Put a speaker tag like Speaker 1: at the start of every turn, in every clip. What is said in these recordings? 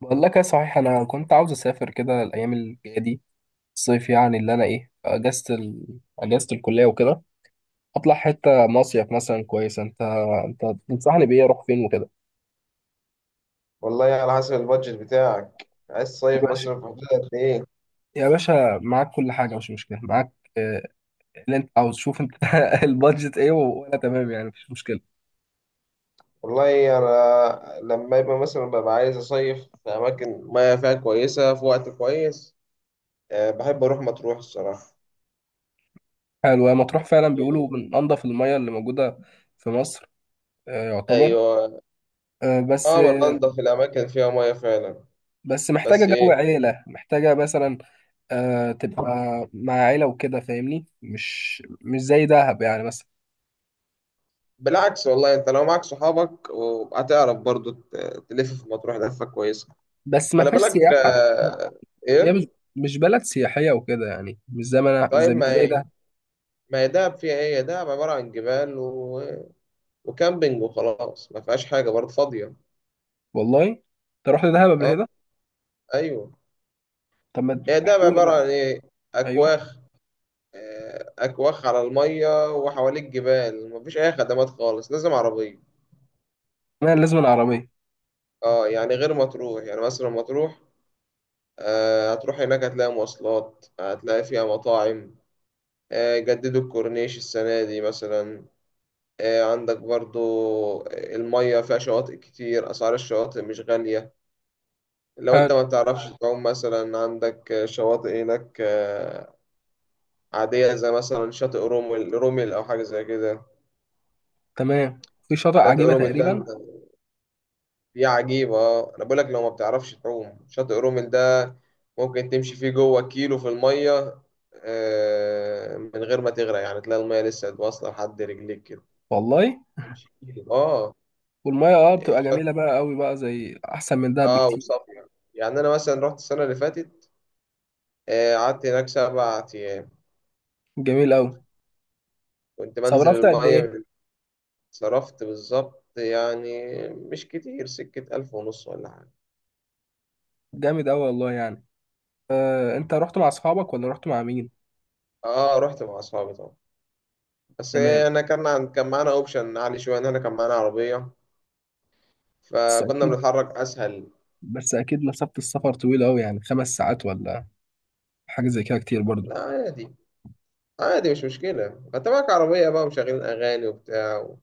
Speaker 1: بقول لك ايه، صحيح انا كنت عاوز اسافر كده الايام الجايه دي الصيف، يعني اللي انا اجازه اجازه الكليه وكده. اطلع حته مصيف مثلا، كويس؟ انت تنصحني بايه؟ اروح فين وكده؟
Speaker 2: والله، على حسب البادجت بتاعك، عايز
Speaker 1: يا
Speaker 2: تصيف
Speaker 1: باشا،
Speaker 2: مثلا في حدود قد ايه؟
Speaker 1: يا باشا معاك كل حاجه، مش مشكله معاك. آه، اللي انت عاوز، شوف انت البادجت ايه، وانا تمام يعني، مفيش مشكله.
Speaker 2: والله انا لما يبقى مثلا ببقى عايز اصيف في اماكن مياه فيها كويسه في وقت كويس. أه بحب اروح مطروح الصراحه.
Speaker 1: حلو، هي مطروح فعلا بيقولوا من انضف المياه اللي موجوده في مصر. آه، يعتبر.
Speaker 2: ايوه،
Speaker 1: آه، بس
Speaker 2: اه من
Speaker 1: آه،
Speaker 2: انضف الاماكن فيها مياه فعلا.
Speaker 1: بس محتاجه
Speaker 2: بس
Speaker 1: جو
Speaker 2: ايه؟
Speaker 1: عيله، محتاجه مثلا آه تبقى مع عيلة وكده، فاهمني؟ مش زي دهب يعني مثلا.
Speaker 2: بالعكس والله انت لو معاك صحابك وهتعرف برضو تلف في مطروح لفه كويسه.
Speaker 1: بس ما
Speaker 2: خلي
Speaker 1: فيهاش
Speaker 2: بالك.
Speaker 1: سياحة. هي مش
Speaker 2: ايه.
Speaker 1: مش بلد سياحية وكده، يعني مش زي ما انا،
Speaker 2: طيب
Speaker 1: زي مش زي دهب.
Speaker 2: ما هي دهب فيها ايه؟ دهب عباره عن جبال و... وكامبينج وخلاص، ما فيهاش حاجة برضه فاضية.
Speaker 1: والله انت رحت دهب قبل
Speaker 2: اه.
Speaker 1: كده؟
Speaker 2: ايوه،
Speaker 1: طب ما
Speaker 2: هي ده
Speaker 1: احكي لي
Speaker 2: عبارة
Speaker 1: بقى.
Speaker 2: عن ايه؟
Speaker 1: ايوه.
Speaker 2: اكواخ. اكواخ على المية وحواليك جبال، مفيش اي خدمات خالص، لازم عربية.
Speaker 1: تمام، لازم العربية.
Speaker 2: اه يعني غير مطروح، يعني مثلا مطروح هتروح هناك هتلاقي مواصلات، هتلاقي فيها مطاعم. جددوا الكورنيش السنة دي مثلا. عندك برضو المية فيها شواطئ كتير، أسعار الشواطئ مش غالية. لو
Speaker 1: حلو.
Speaker 2: أنت ما بتعرفش تعوم مثلا عندك شواطئ هناك عادية، زي مثلا شاطئ رومل. رومل أو حاجة زي كده.
Speaker 1: تمام. في شاطئ
Speaker 2: شاطئ
Speaker 1: عجيبة
Speaker 2: رومل ده
Speaker 1: تقريبا.
Speaker 2: دي عجيبة آه. أنا بقولك لو ما بتعرفش تعوم شاطئ رومل ده ممكن تمشي فيه جوه 1 كيلو في المية، من غير ما تغرق، يعني تلاقي المية لسه واصلة لحد رجليك كده.
Speaker 1: والله.
Speaker 2: تمشي كيلو اه.
Speaker 1: والمية اه بتبقى
Speaker 2: شاطئ
Speaker 1: جميلة بقى قوي بقى، زي احسن من دهب
Speaker 2: اه.
Speaker 1: بكتير.
Speaker 2: وصافية يعني. أنا مثلا رحت السنة اللي فاتت، قعدت هناك 7 أيام،
Speaker 1: جميل قوي.
Speaker 2: كنت بنزل
Speaker 1: صرفت قد ايه؟
Speaker 2: المية. صرفت بالظبط يعني مش كتير، سكة 1500 ولا حاجة.
Speaker 1: جامد قوي والله يعني. آه، انت رحت مع اصحابك ولا رحت مع مين؟
Speaker 2: اه رحت مع أصحابي طبعا. بس
Speaker 1: تمام.
Speaker 2: إيه، انا كان معانا اوبشن عالي شويه ان احنا كان معانا عربيه،
Speaker 1: بس
Speaker 2: فكنا
Speaker 1: أكيد،
Speaker 2: بنتحرك اسهل.
Speaker 1: بس اكيد مسافة السفر طويلة قوي، يعني خمس ساعات ولا حاجة زي كده، كتير برضو.
Speaker 2: لا عادي، عادي مش مشكله، انت معاك عربيه بقى ومشغلين اغاني وبتاع،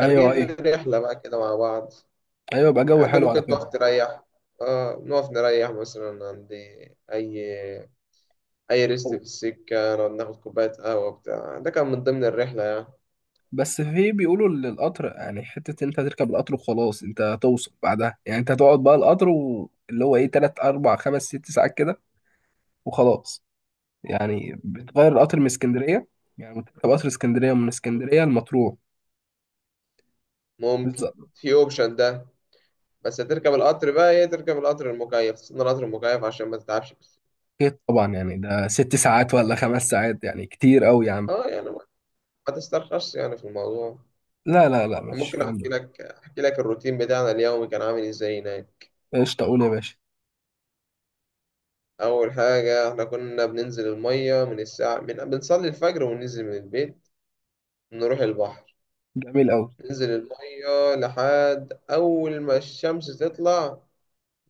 Speaker 1: ايوه،
Speaker 2: خارجين
Speaker 1: ايوه.
Speaker 2: رحله بقى كده مع بعض.
Speaker 1: ايوه بقى، جو
Speaker 2: عادي
Speaker 1: حلو على
Speaker 2: ممكن تقف
Speaker 1: فكرة.
Speaker 2: تريح. اه نقف نريح مثلا عند اي اي ريست في السكه، نقعد ناخد كوبايه قهوه بتاع، ده كان من ضمن الرحله يعني.
Speaker 1: بس في بيقولوا ان القطر يعني حتة، انت تركب القطر وخلاص، انت هتوصل بعدها يعني، انت هتقعد بقى القطر واللي هو ايه، تلات اربع خمس ست ساعات كده، وخلاص. يعني بتغير القطر من اسكندرية؟ يعني بتركب قطر اسكندرية، من اسكندرية لمطروح.
Speaker 2: ممكن،
Speaker 1: بالظبط.
Speaker 2: في اوبشن ده. بس هتركب القطر بقى ايه، تركب القطر المكيف، تستنى القطر المكيف عشان ما تتعبش.
Speaker 1: اكيد طبعا، يعني ده ست ساعات ولا خمس ساعات، يعني كتير قوي يا عم.
Speaker 2: اه يعني، ما تسترخصش يعني في الموضوع.
Speaker 1: لا لا لا، مفيش
Speaker 2: ممكن
Speaker 1: الكلام
Speaker 2: احكي
Speaker 1: ده.
Speaker 2: لك، احكي لك الروتين بتاعنا اليومي كان عامل ازاي هناك.
Speaker 1: قشطة، قول يا باشا.
Speaker 2: اول حاجه احنا كنا بننزل الميه من الساعه، من بنصلي الفجر وننزل من البيت، نروح البحر.
Speaker 1: جميل قوي.
Speaker 2: ننزل الميه لحد اول ما الشمس تطلع،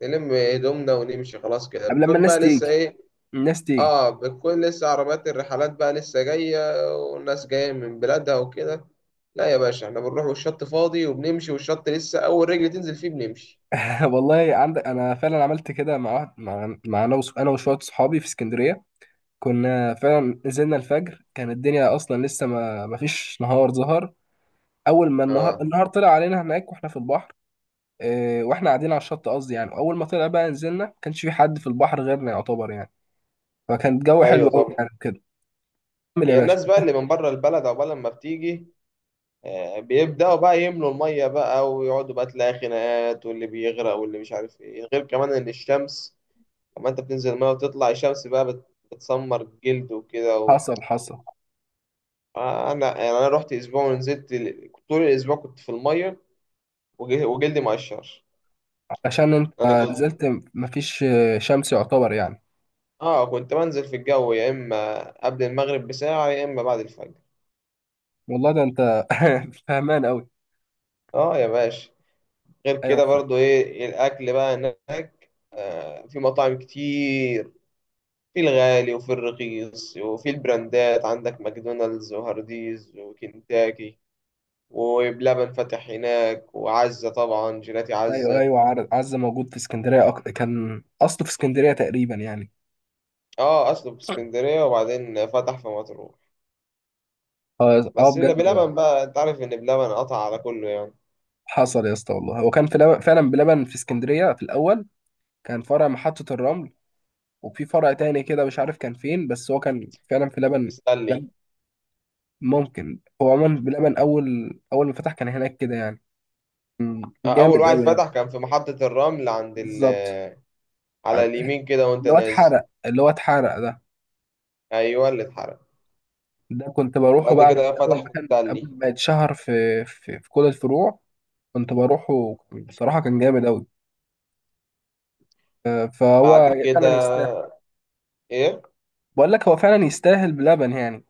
Speaker 2: نلم هدومنا ونمشي خلاص كده،
Speaker 1: قبل لما
Speaker 2: بكون
Speaker 1: الناس
Speaker 2: بقى لسه
Speaker 1: تيجي،
Speaker 2: ايه.
Speaker 1: الناس تيجي.
Speaker 2: اه بتكون لسه عربيات الرحلات بقى لسه جايه، والناس جايه من بلادها وكده. لا يا باشا، احنا بنروح والشط فاضي وبنمشي، والشط لسه اول رجل تنزل فيه بنمشي.
Speaker 1: والله عندك، انا فعلا عملت كده مع واحد، مع انا وشويه صحابي في اسكندريه. كنا فعلا نزلنا الفجر، كان الدنيا اصلا لسه ما فيش نهار ظهر. اول ما النهار،
Speaker 2: اه.
Speaker 1: طلع علينا هناك واحنا في البحر. إيه، واحنا قاعدين على الشط، قصدي يعني اول ما طلع بقى نزلنا، ما كانش في حد في البحر غيرنا يعتبر يعني. فكان الجو حلو
Speaker 2: ايوه
Speaker 1: قوي
Speaker 2: طبعا.
Speaker 1: يعني كده. كمل يا
Speaker 2: هي
Speaker 1: باشا.
Speaker 2: الناس بقى اللي من بره البلد عقبال لما بتيجي، بيبداوا بقى يملوا الميه بقى ويقعدوا، بقى تلاقي خناقات واللي بيغرق واللي مش عارف ايه. غير كمان ان الشمس لما انت بتنزل الميه وتطلع الشمس بقى بتسمر الجلد وكده و...
Speaker 1: حصل حصل.
Speaker 2: انا يعني انا رحت اسبوع ونزلت طول الاسبوع كنت في الميه، وجلدي مقشر.
Speaker 1: عشان انت
Speaker 2: انا كنت
Speaker 1: نزلت، ما فيش شمس يعتبر يعني.
Speaker 2: اه كنت بنزل في الجو يا اما قبل المغرب بساعه يا اما بعد الفجر.
Speaker 1: والله ده انت فهمان قوي.
Speaker 2: اه يا باشا. غير
Speaker 1: ايوه
Speaker 2: كده برضو ايه، الاكل بقى هناك، في مطاعم كتير، في الغالي وفي الرخيص وفي البراندات. عندك ماكدونالدز وهارديز وكنتاكي وبلبن فتح هناك، وعزة طبعا، جيلاتي
Speaker 1: ايوه.
Speaker 2: عزة.
Speaker 1: ايوه، عارف، عزة موجود في اسكندريه، كان اصله في اسكندريه تقريبا يعني.
Speaker 2: اه اصله في اسكندرية وبعدين فتح في مطروح.
Speaker 1: اه اه،
Speaker 2: بس لا،
Speaker 1: بجد.
Speaker 2: بلبن بقى انت عارف ان بلبن قطع على كله يعني.
Speaker 1: حصل يا اسطى، والله هو كان فعلا بلبن في اسكندريه في الاول. كان فرع محطه الرمل، وفي فرع تاني كده مش عارف كان فين، بس هو كان فعلا في
Speaker 2: كان
Speaker 1: لبن.
Speaker 2: بيسلي.
Speaker 1: لبن. ممكن، هو عموما بلبن اول، ما فتح كان هناك كده يعني. مم.
Speaker 2: اول
Speaker 1: جامد
Speaker 2: واحد
Speaker 1: قوي يعني.
Speaker 2: فتح كان في محطة الرمل عند ال،
Speaker 1: بالظبط.
Speaker 2: على
Speaker 1: عن-
Speaker 2: اليمين كده وانت
Speaker 1: اللي هو
Speaker 2: نازل.
Speaker 1: اتحرق، اللي هو اتحرق ده.
Speaker 2: ايوه اللي اتحرق.
Speaker 1: ده كنت بروحه
Speaker 2: وبعد
Speaker 1: بقى من
Speaker 2: كده
Speaker 1: اول
Speaker 2: فتح
Speaker 1: ما
Speaker 2: في
Speaker 1: كان، قبل
Speaker 2: التلي.
Speaker 1: ما يتشهر في كل الفروع. كنت بروحه بصراحة، كان جامد أوي. آه،
Speaker 2: بعد
Speaker 1: فهو فعلا
Speaker 2: كده
Speaker 1: يستاهل.
Speaker 2: ايه.
Speaker 1: بقول لك هو فعلا يستاهل بلبن يعني.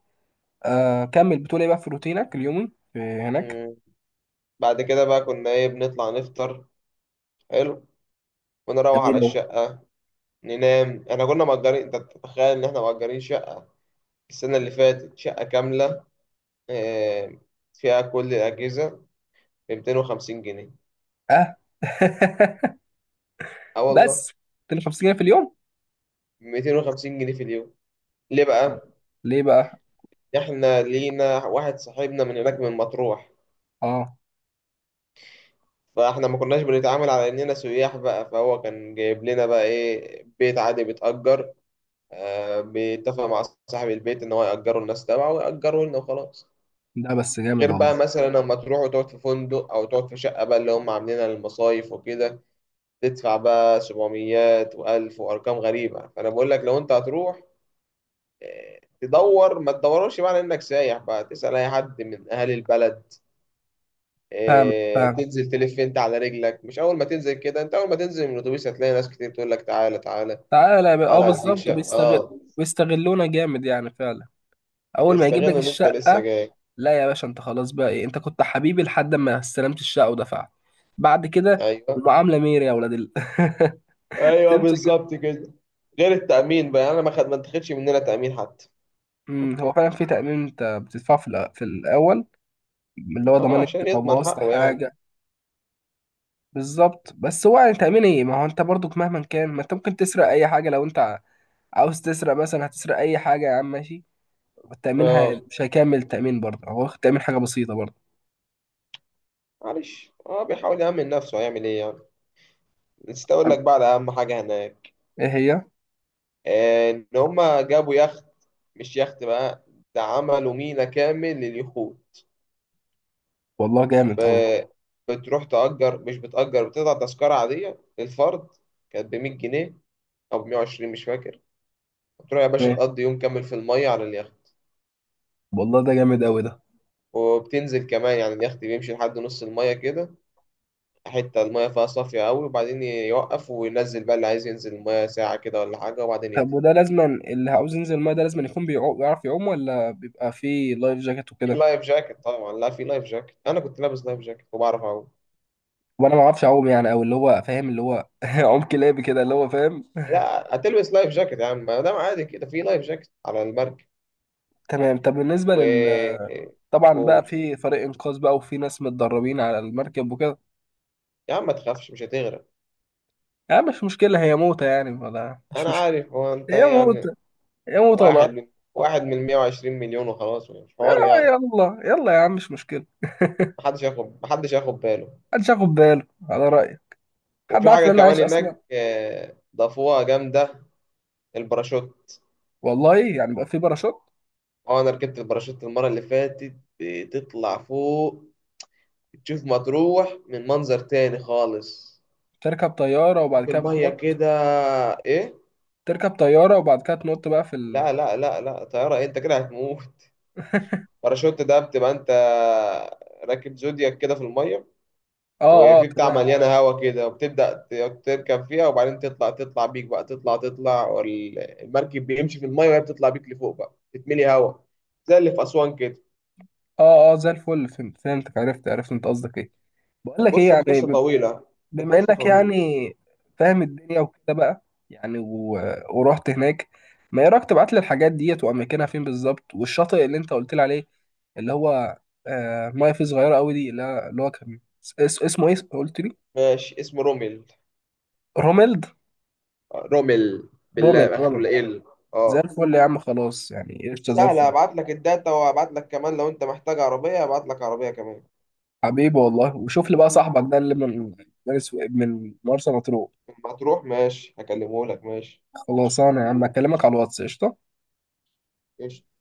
Speaker 1: آه، كمل بتقول ايه بقى في روتينك اليومي في هناك.
Speaker 2: مم. بعد كده بقى كنا ايه، بنطلع نفطر. حلو. ونروح
Speaker 1: جميل
Speaker 2: على
Speaker 1: أوي.
Speaker 2: الشقة ننام. احنا كنا مأجرين، انت تتخيل ان احنا مأجرين شقة السنة اللي فاتت، شقة كاملة، إيه، فيها كل الأجهزة، ب 250 جنيه.
Speaker 1: اه.
Speaker 2: اه والله.
Speaker 1: بس 250 جنيه في اليوم؟
Speaker 2: 250 جنيه في اليوم. ليه
Speaker 1: لا.
Speaker 2: بقى؟
Speaker 1: ليه بقى؟
Speaker 2: احنا لينا واحد صاحبنا من هناك من مطروح،
Speaker 1: اه.
Speaker 2: فاحنا ما كناش بنتعامل على اننا سياح بقى، فهو كان جايب لنا بقى ايه، بيت عادي بيتأجر، بيتفق مع صاحب البيت ان هو يأجره الناس تبعه ويأجره لنا وخلاص.
Speaker 1: ده بس جامد
Speaker 2: غير
Speaker 1: والله.
Speaker 2: بقى مثلا لما تروح وتقعد في فندق او تقعد في شقة بقى اللي هم عاملينها للمصايف وكده، تدفع بقى 700 و1000 وارقام غريبة. فانا بقول لك لو انت هتروح تدور، ما تدورش بقى على انك سايح، بقى تسأل اي حد من اهالي البلد.
Speaker 1: فاهم فاهم.
Speaker 2: تنزل تلف انت على رجلك، مش اول ما تنزل كده. انت اول ما تنزل من الاتوبيس هتلاقي ناس كتير تقول لك تعالى، تعالى،
Speaker 1: تعالى بقى، اه
Speaker 2: تعالى اديك
Speaker 1: بالظبط،
Speaker 2: شقة.
Speaker 1: وبيستغل.
Speaker 2: اه
Speaker 1: بيستغلونا جامد يعني فعلا. اول ما يجيب لك
Speaker 2: بيستغلوا ان انت لسه
Speaker 1: الشقة.
Speaker 2: جاي.
Speaker 1: لا يا باشا، انت خلاص بقى ايه، انت كنت حبيبي لحد ما استلمت الشقه ودفعت. بعد كده
Speaker 2: ايوه
Speaker 1: المعامله ميري يا ولاد ال...
Speaker 2: ايوه
Speaker 1: تمشي كده.
Speaker 2: بالظبط كده. غير التأمين بقى، انا ما اتخدش مننا تأمين حتى.
Speaker 1: هو فعلا في تامين انت بتدفعه في الاول، اللي هو ضمان
Speaker 2: اه
Speaker 1: انت
Speaker 2: عشان
Speaker 1: لو
Speaker 2: يضمن
Speaker 1: بوظت
Speaker 2: حقه يعني.
Speaker 1: حاجه. بالظبط، بس هو يعني تامين ايه، ما هو انت برضك مهما كان، ما انت ممكن تسرق اي حاجه، لو انت عاوز تسرق مثلا هتسرق اي حاجه يا عم، ماشي. التامين
Speaker 2: اه
Speaker 1: مش هيكمل، التامين برضه هو واخد تامين حاجه بسيطه برضه.
Speaker 2: معلش اه بيحاول يأمن نفسه، هيعمل ايه يعني. نسيت اقول
Speaker 1: عن-
Speaker 2: لك بقى على اهم حاجة هناك.
Speaker 1: ايه هي؟
Speaker 2: آه، ان هما جابوا يخت، مش يخت بقى، ده عملوا ميناء كامل لليخوت.
Speaker 1: والله جامد قوي.
Speaker 2: ب- بتروح تأجر، مش بتأجر، بتقطع تذكرة عادية للفرد، كانت ب 100 جنيه او ب 120، مش فاكر. تروح يا باشا
Speaker 1: ايه،
Speaker 2: تقضي يوم كامل في المية على اليخت.
Speaker 1: والله ده جامد قوي ده.
Speaker 2: وبتنزل كمان يعني، اليخت بيمشي لحد نص المية كده، حتة المية فيها صافية أوي، وبعدين يوقف وينزل بقى اللي عايز ينزل المية ساعة كده ولا حاجة، وبعدين
Speaker 1: طب
Speaker 2: يطلع.
Speaker 1: وده لازما اللي عاوز ينزل الماء ده لازما يكون بيعرف يعوم؟ ولا بيبقى فيه لايف جاكيت
Speaker 2: في
Speaker 1: وكده؟
Speaker 2: لايف جاكيت طبعا، لا في لايف جاكيت. أنا كنت لابس لايف جاكيت وبعرف أعوم.
Speaker 1: وانا ما اعرفش اعوم يعني، او اللي هو فاهم، اللي هو عوم كلابي كده اللي هو فاهم.
Speaker 2: لا هتلبس لايف جاكيت يا عم، ما دام عادي كده في لايف جاكيت على المركب.
Speaker 1: تمام، طب بالنسبه
Speaker 2: و
Speaker 1: لل... طبعا بقى
Speaker 2: قول.
Speaker 1: في فريق انقاذ بقى، وفي ناس متدربين على المركب وكده؟
Speaker 2: يا عم ما تخافش، مش هتغرق.
Speaker 1: يعني مش مشكله، هي موتة يعني، ولا مش
Speaker 2: أنا
Speaker 1: مشكله.
Speaker 2: عارف، هو أنت
Speaker 1: هي موتة،
Speaker 2: يعني
Speaker 1: هي موتة ولا آه.
Speaker 2: واحد من، واحد من 120 مليون وخلاص، مش حوار
Speaker 1: يلا
Speaker 2: يعني.
Speaker 1: يلا يا عم، مش مشكله.
Speaker 2: محدش ياخد، محدش ياخد باله.
Speaker 1: محدش ياخد باله، على رأيي. حد
Speaker 2: وفي
Speaker 1: عارف
Speaker 2: حاجة
Speaker 1: ان انا
Speaker 2: كمان
Speaker 1: عايش اصلا؟
Speaker 2: هناك ضافوها جامدة، الباراشوت.
Speaker 1: والله يعني بقى في باراشوت؟
Speaker 2: اه انا ركبت الباراشوت المرة اللي فاتت. بتطلع فوق تشوف مطروح من منظر تاني خالص،
Speaker 1: تركب طياره وبعد
Speaker 2: تشوف
Speaker 1: كده
Speaker 2: المية
Speaker 1: بتنط؟
Speaker 2: كده. ايه؟
Speaker 1: تركب طيارة وبعد كده تنط بقى في ال...
Speaker 2: لا لا لا لا، طيارة إيه؟ انت كده هتموت. الباراشوت ده بتبقى انت راكب زودياك كده في المية،
Speaker 1: اه اه،
Speaker 2: وفي بتاع
Speaker 1: تمام.
Speaker 2: مليانة هوا كده، وبتبدأ تركب فيها وبعدين تطلع، تطلع بيك بقى، تطلع تطلع، والمركب بيمشي في المية وهي بتطلع بيك لفوق بقى، تتملي هوا. زي اللي في أسوان كده.
Speaker 1: اه اه، زي الفل، فهمت، فهمتك، عرفت، عرفت انت قصدك ايه. بقول لك ايه
Speaker 2: بص،
Speaker 1: يعني،
Speaker 2: القصة طويلة.
Speaker 1: بما
Speaker 2: القصة
Speaker 1: انك
Speaker 2: طويلة.
Speaker 1: يعني فاهم الدنيا وكده بقى، يعني و... ورحت هناك. ما ايه رايك تبعت لي الحاجات ديت واماكنها فين بالظبط، والشاطئ اللي انت قلت لي عليه اللي هو، آه ميه فيه صغيره قوي دي، اللي هو كان اسمه ايه قلت لي؟
Speaker 2: ماشي اسمه رومل،
Speaker 1: روميلد،
Speaker 2: آه، رومل
Speaker 1: روميلد،
Speaker 2: بالله، آخره
Speaker 1: روميلد.
Speaker 2: ال،
Speaker 1: زي
Speaker 2: اه.
Speaker 1: الفل يا عم، خلاص يعني، قشطه، زي الفل.
Speaker 2: سهلة هبعت لك الداتا، وهبعت لك كمان لو انت محتاج عربية هبعت لك عربية كمان.
Speaker 1: حبيبي والله، وشوف لي بقى صاحبك ده اللي من من مرسى مطروح.
Speaker 2: لما تروح ماشي هكلمه لك ماشي.
Speaker 1: خلاص انا يا عم اكلمك على الواتس، قشطه.
Speaker 2: قشطة.